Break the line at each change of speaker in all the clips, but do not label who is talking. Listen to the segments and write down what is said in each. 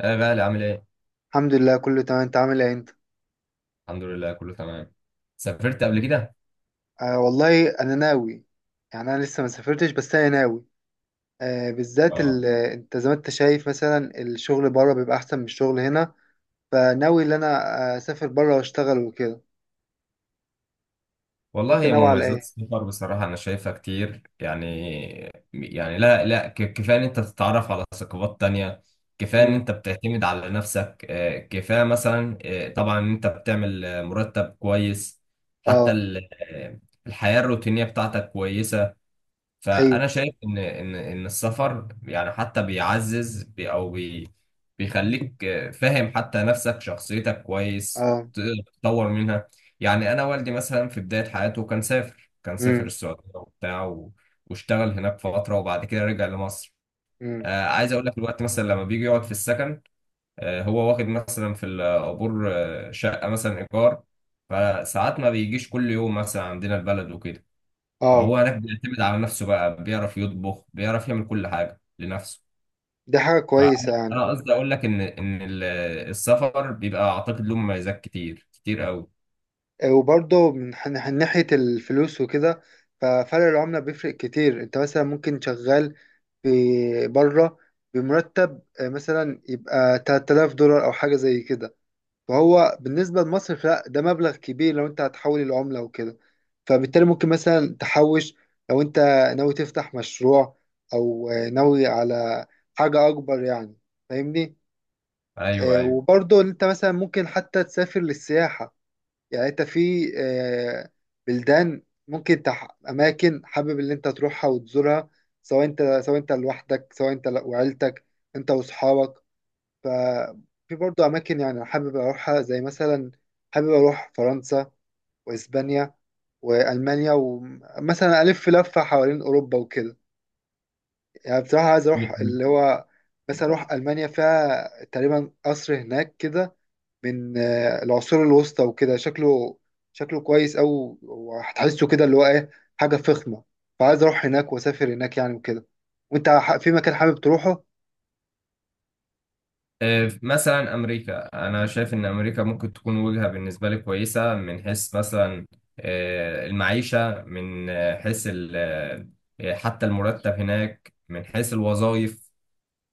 يا غالي، عامل ايه؟
الحمد لله، كله تمام. انت عامل ايه انت؟
الحمد لله كله تمام. سافرت قبل كده؟
آه والله انا ناوي. يعني انا لسه ما سافرتش، بس انا ناوي. بالذات،
اه
انت زي ما انت شايف، مثلا الشغل بره بيبقى احسن من الشغل هنا. فناوي ان انا اسافر بره واشتغل وكده.
والله،
وانت
يا
ناوي على
مميزات
ايه؟
السفر بصراحة أنا شايفها كتير يعني. يعني لا، لا، كفاية إن أنت تتعرف على ثقافات تانية، كفاية إن
امم.
أنت بتعتمد على نفسك، كفاية مثلا، طبعا إن أنت بتعمل مرتب كويس، حتى
اه.
الحياة الروتينية بتاعتك كويسة،
ايوه.
فانا شايف ان السفر يعني حتى بيعزز بي او بي بيخليك فاهم حتى نفسك شخصيتك كويس،
اه.
تقدر تطور منها. يعني انا والدي مثلا في بدايه حياته، كان سافر
امم.
السعوديه وبتاع واشتغل هناك فتره، وبعد كده رجع لمصر.
امم.
عايز اقول لك، الوقت مثلا لما بيجي يقعد في السكن، هو واخد مثلا في العبور شقه مثلا ايجار، فساعات ما بيجيش كل يوم مثلا عندنا البلد وكده،
اه.
فهو هناك بيعتمد على نفسه بقى، بيعرف يطبخ، بيعرف يعمل كل حاجة لنفسه.
دي حاجة
فأنا
كويسة يعني.
أنا قصدي أقول لك إن السفر بيبقى أعتقد له مميزات كتير كتير قوي.
وبرضه من ناحية الفلوس وكده. ففرق العملة بيفرق كتير، انت مثلا ممكن شغال في بره بمرتب مثلا يبقى 3000 دولار او حاجة زي كده. فهو بالنسبة لمصر، لا ده مبلغ كبير لو انت هتحول العملة وكده. فبالتالي ممكن مثلا تحوش لو انت ناوي تفتح مشروع، او ناوي على حاجة اكبر يعني. فاهمني؟
أيوه، أيوه.
وبرضه انت مثلا ممكن حتى تسافر للسياحة. يعني انت في اماكن حابب ان انت تروحها وتزورها، سواء انت لوحدك، سواء انت وعيلتك، انت واصحابك. ففي برضو اماكن يعني حابب اروحها، زي مثلا حابب اروح فرنسا واسبانيا والمانيا، ومثلا الف لفه حوالين اوروبا وكده. يعني بصراحه عايز اروح اللي هو مثلا اروح المانيا، فيها تقريبا قصر هناك كده من العصور الوسطى وكده. شكله كويس أوي، وهتحسه كده اللي هو إيه، حاجة فخمة. فعايز أروح هناك وأسافر هناك يعني وكده. وأنت في مكان حابب تروحه؟
مثلا أمريكا، أنا شايف إن أمريكا ممكن تكون وجهة بالنسبة لي كويسة، من حيث مثلا المعيشة، من آه، حيث ال- آه، حتى المرتب هناك، من حيث الوظائف.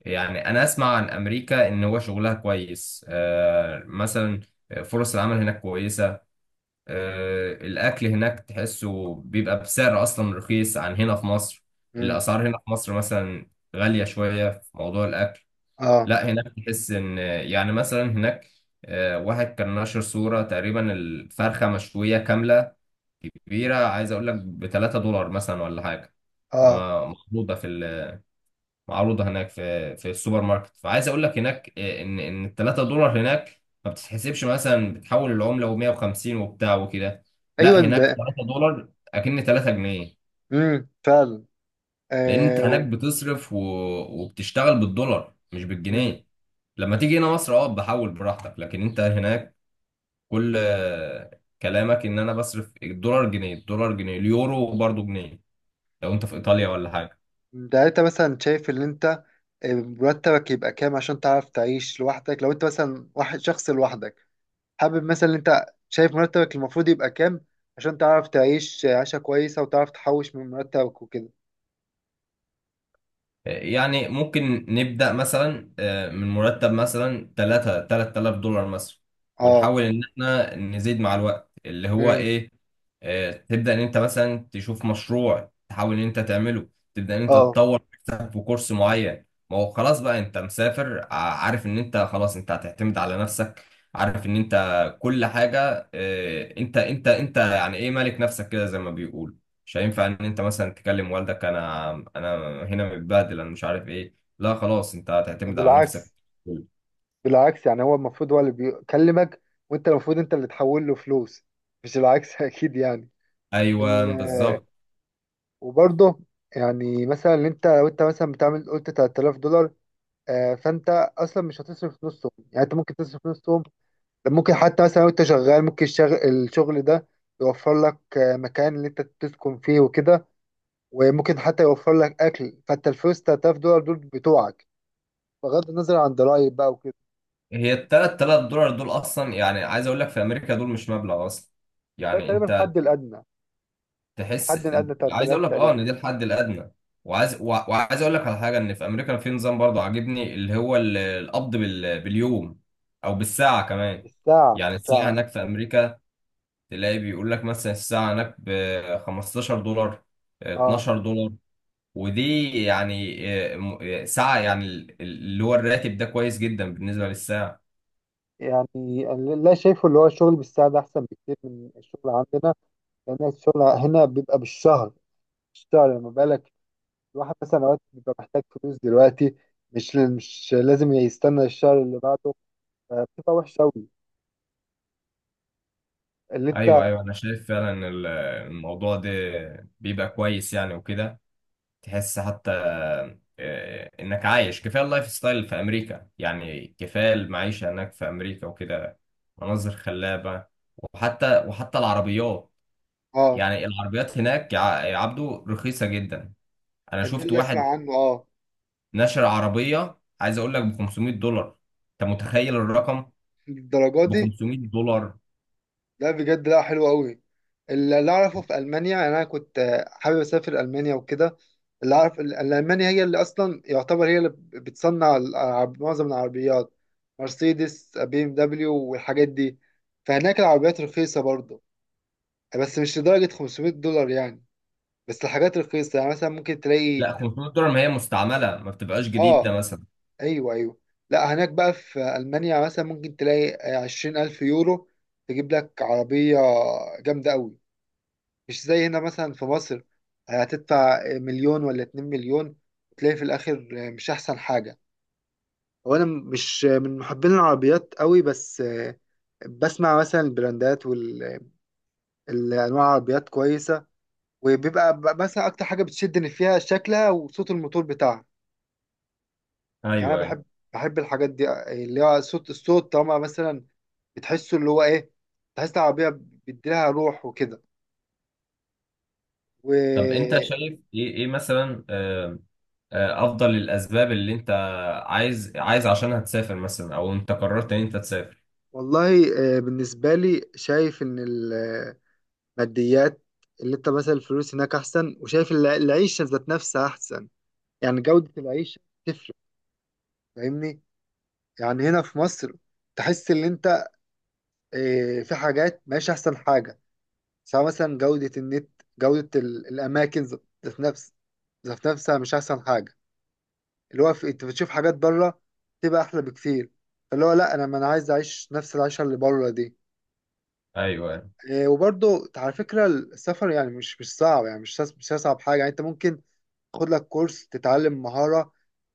يعني انا اسمع عن امريكا ان هو شغلها كويس، مثلا فرص العمل هناك كويسة. الاكل هناك تحسه بيبقى بسعر اصلا رخيص عن هنا في مصر.
مم.
الاسعار هنا في مصر مثلا غالية شوية في موضوع الاكل.
آه.
لا هناك تحس ان يعني مثلا هناك، واحد كان نشر صورة تقريبا الفرخة مشوية كاملة كبيرة، عايز اقول لك ب 3 دولار مثلا ولا حاجة،
آه.
ما- محطوطة في معروضة هناك في السوبر ماركت. فعايز اقول لك هناك ان ال 3 دولار هناك ما بتتحسبش، مثلا بتحول العملة و150 وبتاع وكده.
أيوه.
لا هناك 3 دولار اكن 3 جنيه.
مم. فعلا.
لان انت
آه.
هناك بتصرف وبتشتغل بالدولار مش
مم.
بالجنيه. لما تيجي هنا مصر بحول براحتك، لكن انت هناك كل كلامك ان انا بصرف الدولار جنيه، الدولار جنيه، اليورو برضو جنيه، لو انت في ايطاليا ولا حاجة.
ده انت مثلا شايف ان انت مرتبك يبقى كام عشان تعرف تعيش لوحدك؟ لو انت مثلا واحد شخص لوحدك، حابب مثلا ان انت شايف مرتبك المفروض يبقى كام عشان تعرف تعيش عيشة كويسة وتعرف تحوش من مرتبك وكده.
يعني ممكن نبدأ مثلا من مرتب مثلا، 3 3000 دولار مثلا،
اه.
ونحاول ان احنا نزيد مع الوقت اللي هو
امم.
ايه، تبدأ ان انت مثلا تشوف مشروع تحاول ان انت تعمله، تبدأ ان انت
اه.
تطور نفسك في كورس معين. ما هو خلاص بقى، انت مسافر، عارف ان انت خلاص انت هتعتمد على نفسك، عارف ان انت كل حاجة، انت يعني ايه، مالك نفسك كده زي ما بيقولوا. مش هينفع ان انت مثلا تكلم والدك، انا هنا متبهدل، انا مش عارف ايه. لا خلاص انت
ده
هتعتمد على نفسك.
بالعكس، بالعكس. يعني هو المفروض هو اللي بيكلمك، وانت المفروض انت اللي تحول له فلوس، مش العكس اكيد يعني.
ايوه
ال-
بالظبط.
وبرضه يعني مثلا اللي انت، لو انت مثلا بتعمل قلت 3000 دولار، فانت اصلا مش هتصرف نصهم، يعني انت ممكن تصرف نصهم. ده ممكن حتى مثلا لو انت شغال، ممكن الشغل ده يوفر لك مكان اللي انت تسكن فيه وكده، وممكن حتى يوفر لك اكل. فانت الفلوس 3000 دولار دول بتوعك، بغض النظر عن ضرائب بقى.
هي التلات تلات دولار دول اصلا، يعني عايز اقول لك في امريكا دول مش مبلغ اصلا،
ده
يعني
تقريبا
انت
الحد الأدنى، الحد
تحس.
الأدنى بتاع
عايز اقول
3000
لك
تقريبا.
ان دي الحد الادنى، وعايز اقول لك على حاجه، ان في امريكا في نظام برضه عاجبني، اللي هو القبض باليوم او بالساعه كمان.
الساعة،
يعني الساعه
الساعة.
هناك في امريكا، تلاقي بيقول لك مثلا الساعة هناك ب 15 دولار،
اه.
12 دولار. ودي يعني ساعة، يعني اللي هو الراتب ده كويس جدا بالنسبة للساعة.
يعني أنا لا شايفه، اللي هو الشغل بالساعة ده أحسن بكتير من الشغل عندنا، لأن الشغل هنا بيبقى بالشهر. بالشهر لما بالك الواحد مثلا أوقات بيبقى محتاج فلوس دلوقتي، مش لازم يستنى الشهر اللي بعده، فبتبقى وحشة أوي اللي أنت.
أيوه، أيوه. أنا شايف فعلا الموضوع ده بيبقى كويس يعني وكده. تحس حتى إنك عايش، كفاية اللايف ستايل في أمريكا يعني، كفاية المعيشة هناك في أمريكا وكده. مناظر خلابة. وحتى العربيات،
اه.
يعني العربيات هناك، يا عبدو رخيصة جدا. انا
ده
شفت
اللي أسمع
واحد
عنه، اه.
نشر عربيه، عايز اقول لك ب 500 دولار. انت متخيل الرقم؟
الدرجة
ب
دي؟
500 دولار.
لا بجد، لا حلو قوي. اللي اعرفه في المانيا، يعني انا كنت حابب اسافر المانيا وكده. اللي اعرف المانيا هي اللي اصلا يعتبر، هي اللي بتصنع معظم العربيات، مرسيدس بي ام دبليو والحاجات دي. فهناك العربيات رخيصه برضه، بس مش لدرجه 500 دولار يعني. بس الحاجات رخيصه، يعني مثلا ممكن تلاقي.
لا 500 دولار ما هي مستعمله، ما بتبقاش جديده
اه.
مثلا.
ايوه، ايوه. لا هناك بقى في المانيا مثلا ممكن تلاقي 20000 يورو تجيب لك عربيه جامده قوي، مش زي هنا مثلا في مصر. هتدفع مليون ولا 2 مليون، وتلاقي في الآخر مش أحسن حاجة. هو أنا مش من محبين العربيات قوي، بس بسمع مثلا البراندات والأنواع، العربيات كويسة. وبيبقى مثلا أكتر حاجة بتشدني فيها شكلها وصوت الموتور بتاعها. يعني أنا
ايوه، ايوه.
بحب الحاجات دي، اللي هو صوت الصوت، طالما مثلا بتحسه اللي هو إيه، تحس العربية بيديلها روح وكده.
طب انت شايف ايه مثلا، افضل الاسباب اللي انت عايز عشانها تسافر مثلا، او انت قررت ان انت تسافر.
والله، بالنسبة لي شايف إن الماديات، اللي أنت مثلا الفلوس هناك أحسن، وشايف العيشة ذات نفسها أحسن. يعني جودة العيشة تفرق، فاهمني؟ يعني هنا في مصر تحس إن أنت في حاجات ماشي أحسن حاجة، سواء مثلا جودة النت، جودة الأماكن ذات نفس ذات نفسها مش أحسن حاجة. اللي هو أنت بتشوف حاجات بره تبقى أحلى بكتير. فاللي هو لأ، أنا ما أنا عايز أعيش نفس العيشة اللي بره دي.
ايوه.
وبرضه على فكرة السفر يعني مش صعب، يعني مش أصعب حاجة. يعني أنت ممكن تاخد لك كورس، تتعلم مهارة،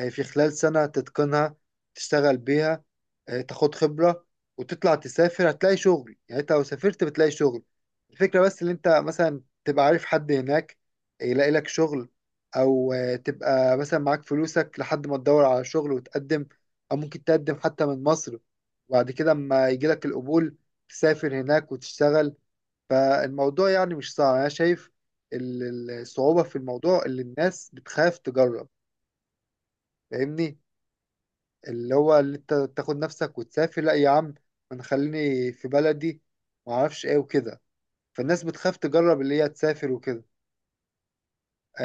في خلال سنة تتقنها، تشتغل بيها، تاخد خبرة وتطلع تسافر، هتلاقي شغل. يعني أنت لو سافرت بتلاقي شغل. الفكرة بس إن أنت مثلا تبقى عارف حد هناك يلاقي لك شغل، أو تبقى مثلا معاك فلوسك لحد ما تدور على شغل وتقدم. أو ممكن تقدم حتى من مصر، وبعد كده أما يجيلك القبول تسافر هناك وتشتغل. فالموضوع يعني مش صعب انا شايف. الصعوبة في الموضوع اللي الناس بتخاف تجرب. فاهمني؟ اللي هو اللي انت تاخد نفسك وتسافر، لا يا عم، انا خليني في بلدي، ما اعرفش ايه وكده. فالناس بتخاف تجرب اللي هي تسافر وكده.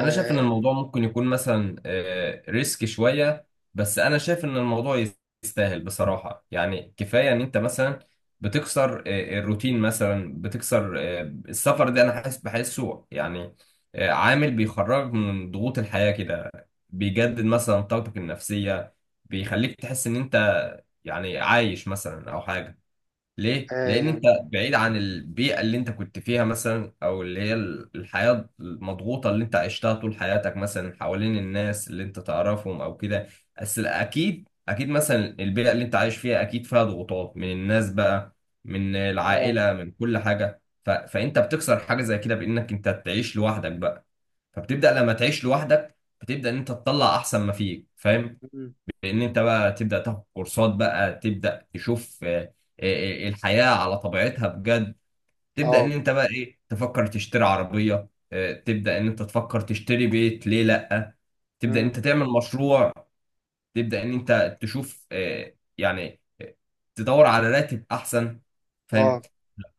انا شايف ان الموضوع ممكن يكون مثلا ريسك شويه، بس انا شايف ان الموضوع يستاهل بصراحه. يعني كفايه ان انت مثلا بتكسر الروتين مثلا، بتكسر السفر ده انا حاسس بحسه يعني عامل بيخرجك من ضغوط الحياه كده، بيجدد مثلا طاقتك النفسيه، بيخليك تحس ان انت يعني عايش مثلا او حاجه. ليه؟ لأن أنت بعيد عن البيئة اللي أنت كنت فيها مثلا، أو اللي هي الحياة المضغوطة اللي أنت عشتها طول حياتك مثلا، حوالين الناس اللي أنت تعرفهم أو كده. بس أكيد، أكيد مثلا البيئة اللي أنت عايش فيها أكيد فيها ضغوطات من الناس بقى، من
اه. اه.
العائلة، من كل حاجة فأنت بتكسر حاجة زي كده، بإنك أنت تعيش لوحدك بقى. فبتبدأ لما تعيش لوحدك، بتبدأ إن أنت تطلع أحسن ما فيك، فاهم؟
مم.
ان انت بقى تبدا تاخد كورسات، بقى تبدا تشوف الحياه على طبيعتها بجد. تبدا ان
اه.
انت بقى ايه، تفكر تشتري عربيه، تبدا ان انت تفكر تشتري بيت، ليه لا. تبدا ان
مم.
انت تعمل مشروع. تبدا ان انت تشوف يعني تدور على راتب احسن، فاهم.
آه.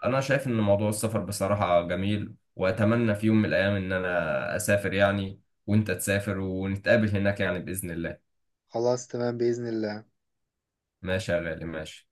انا شايف ان موضوع السفر بصراحه جميل، واتمنى في يوم من الايام ان انا اسافر يعني، وانت تسافر ونتقابل هناك يعني باذن الله.
خلاص، تمام بإذن الله.
ماشي يا غالي، ماشي.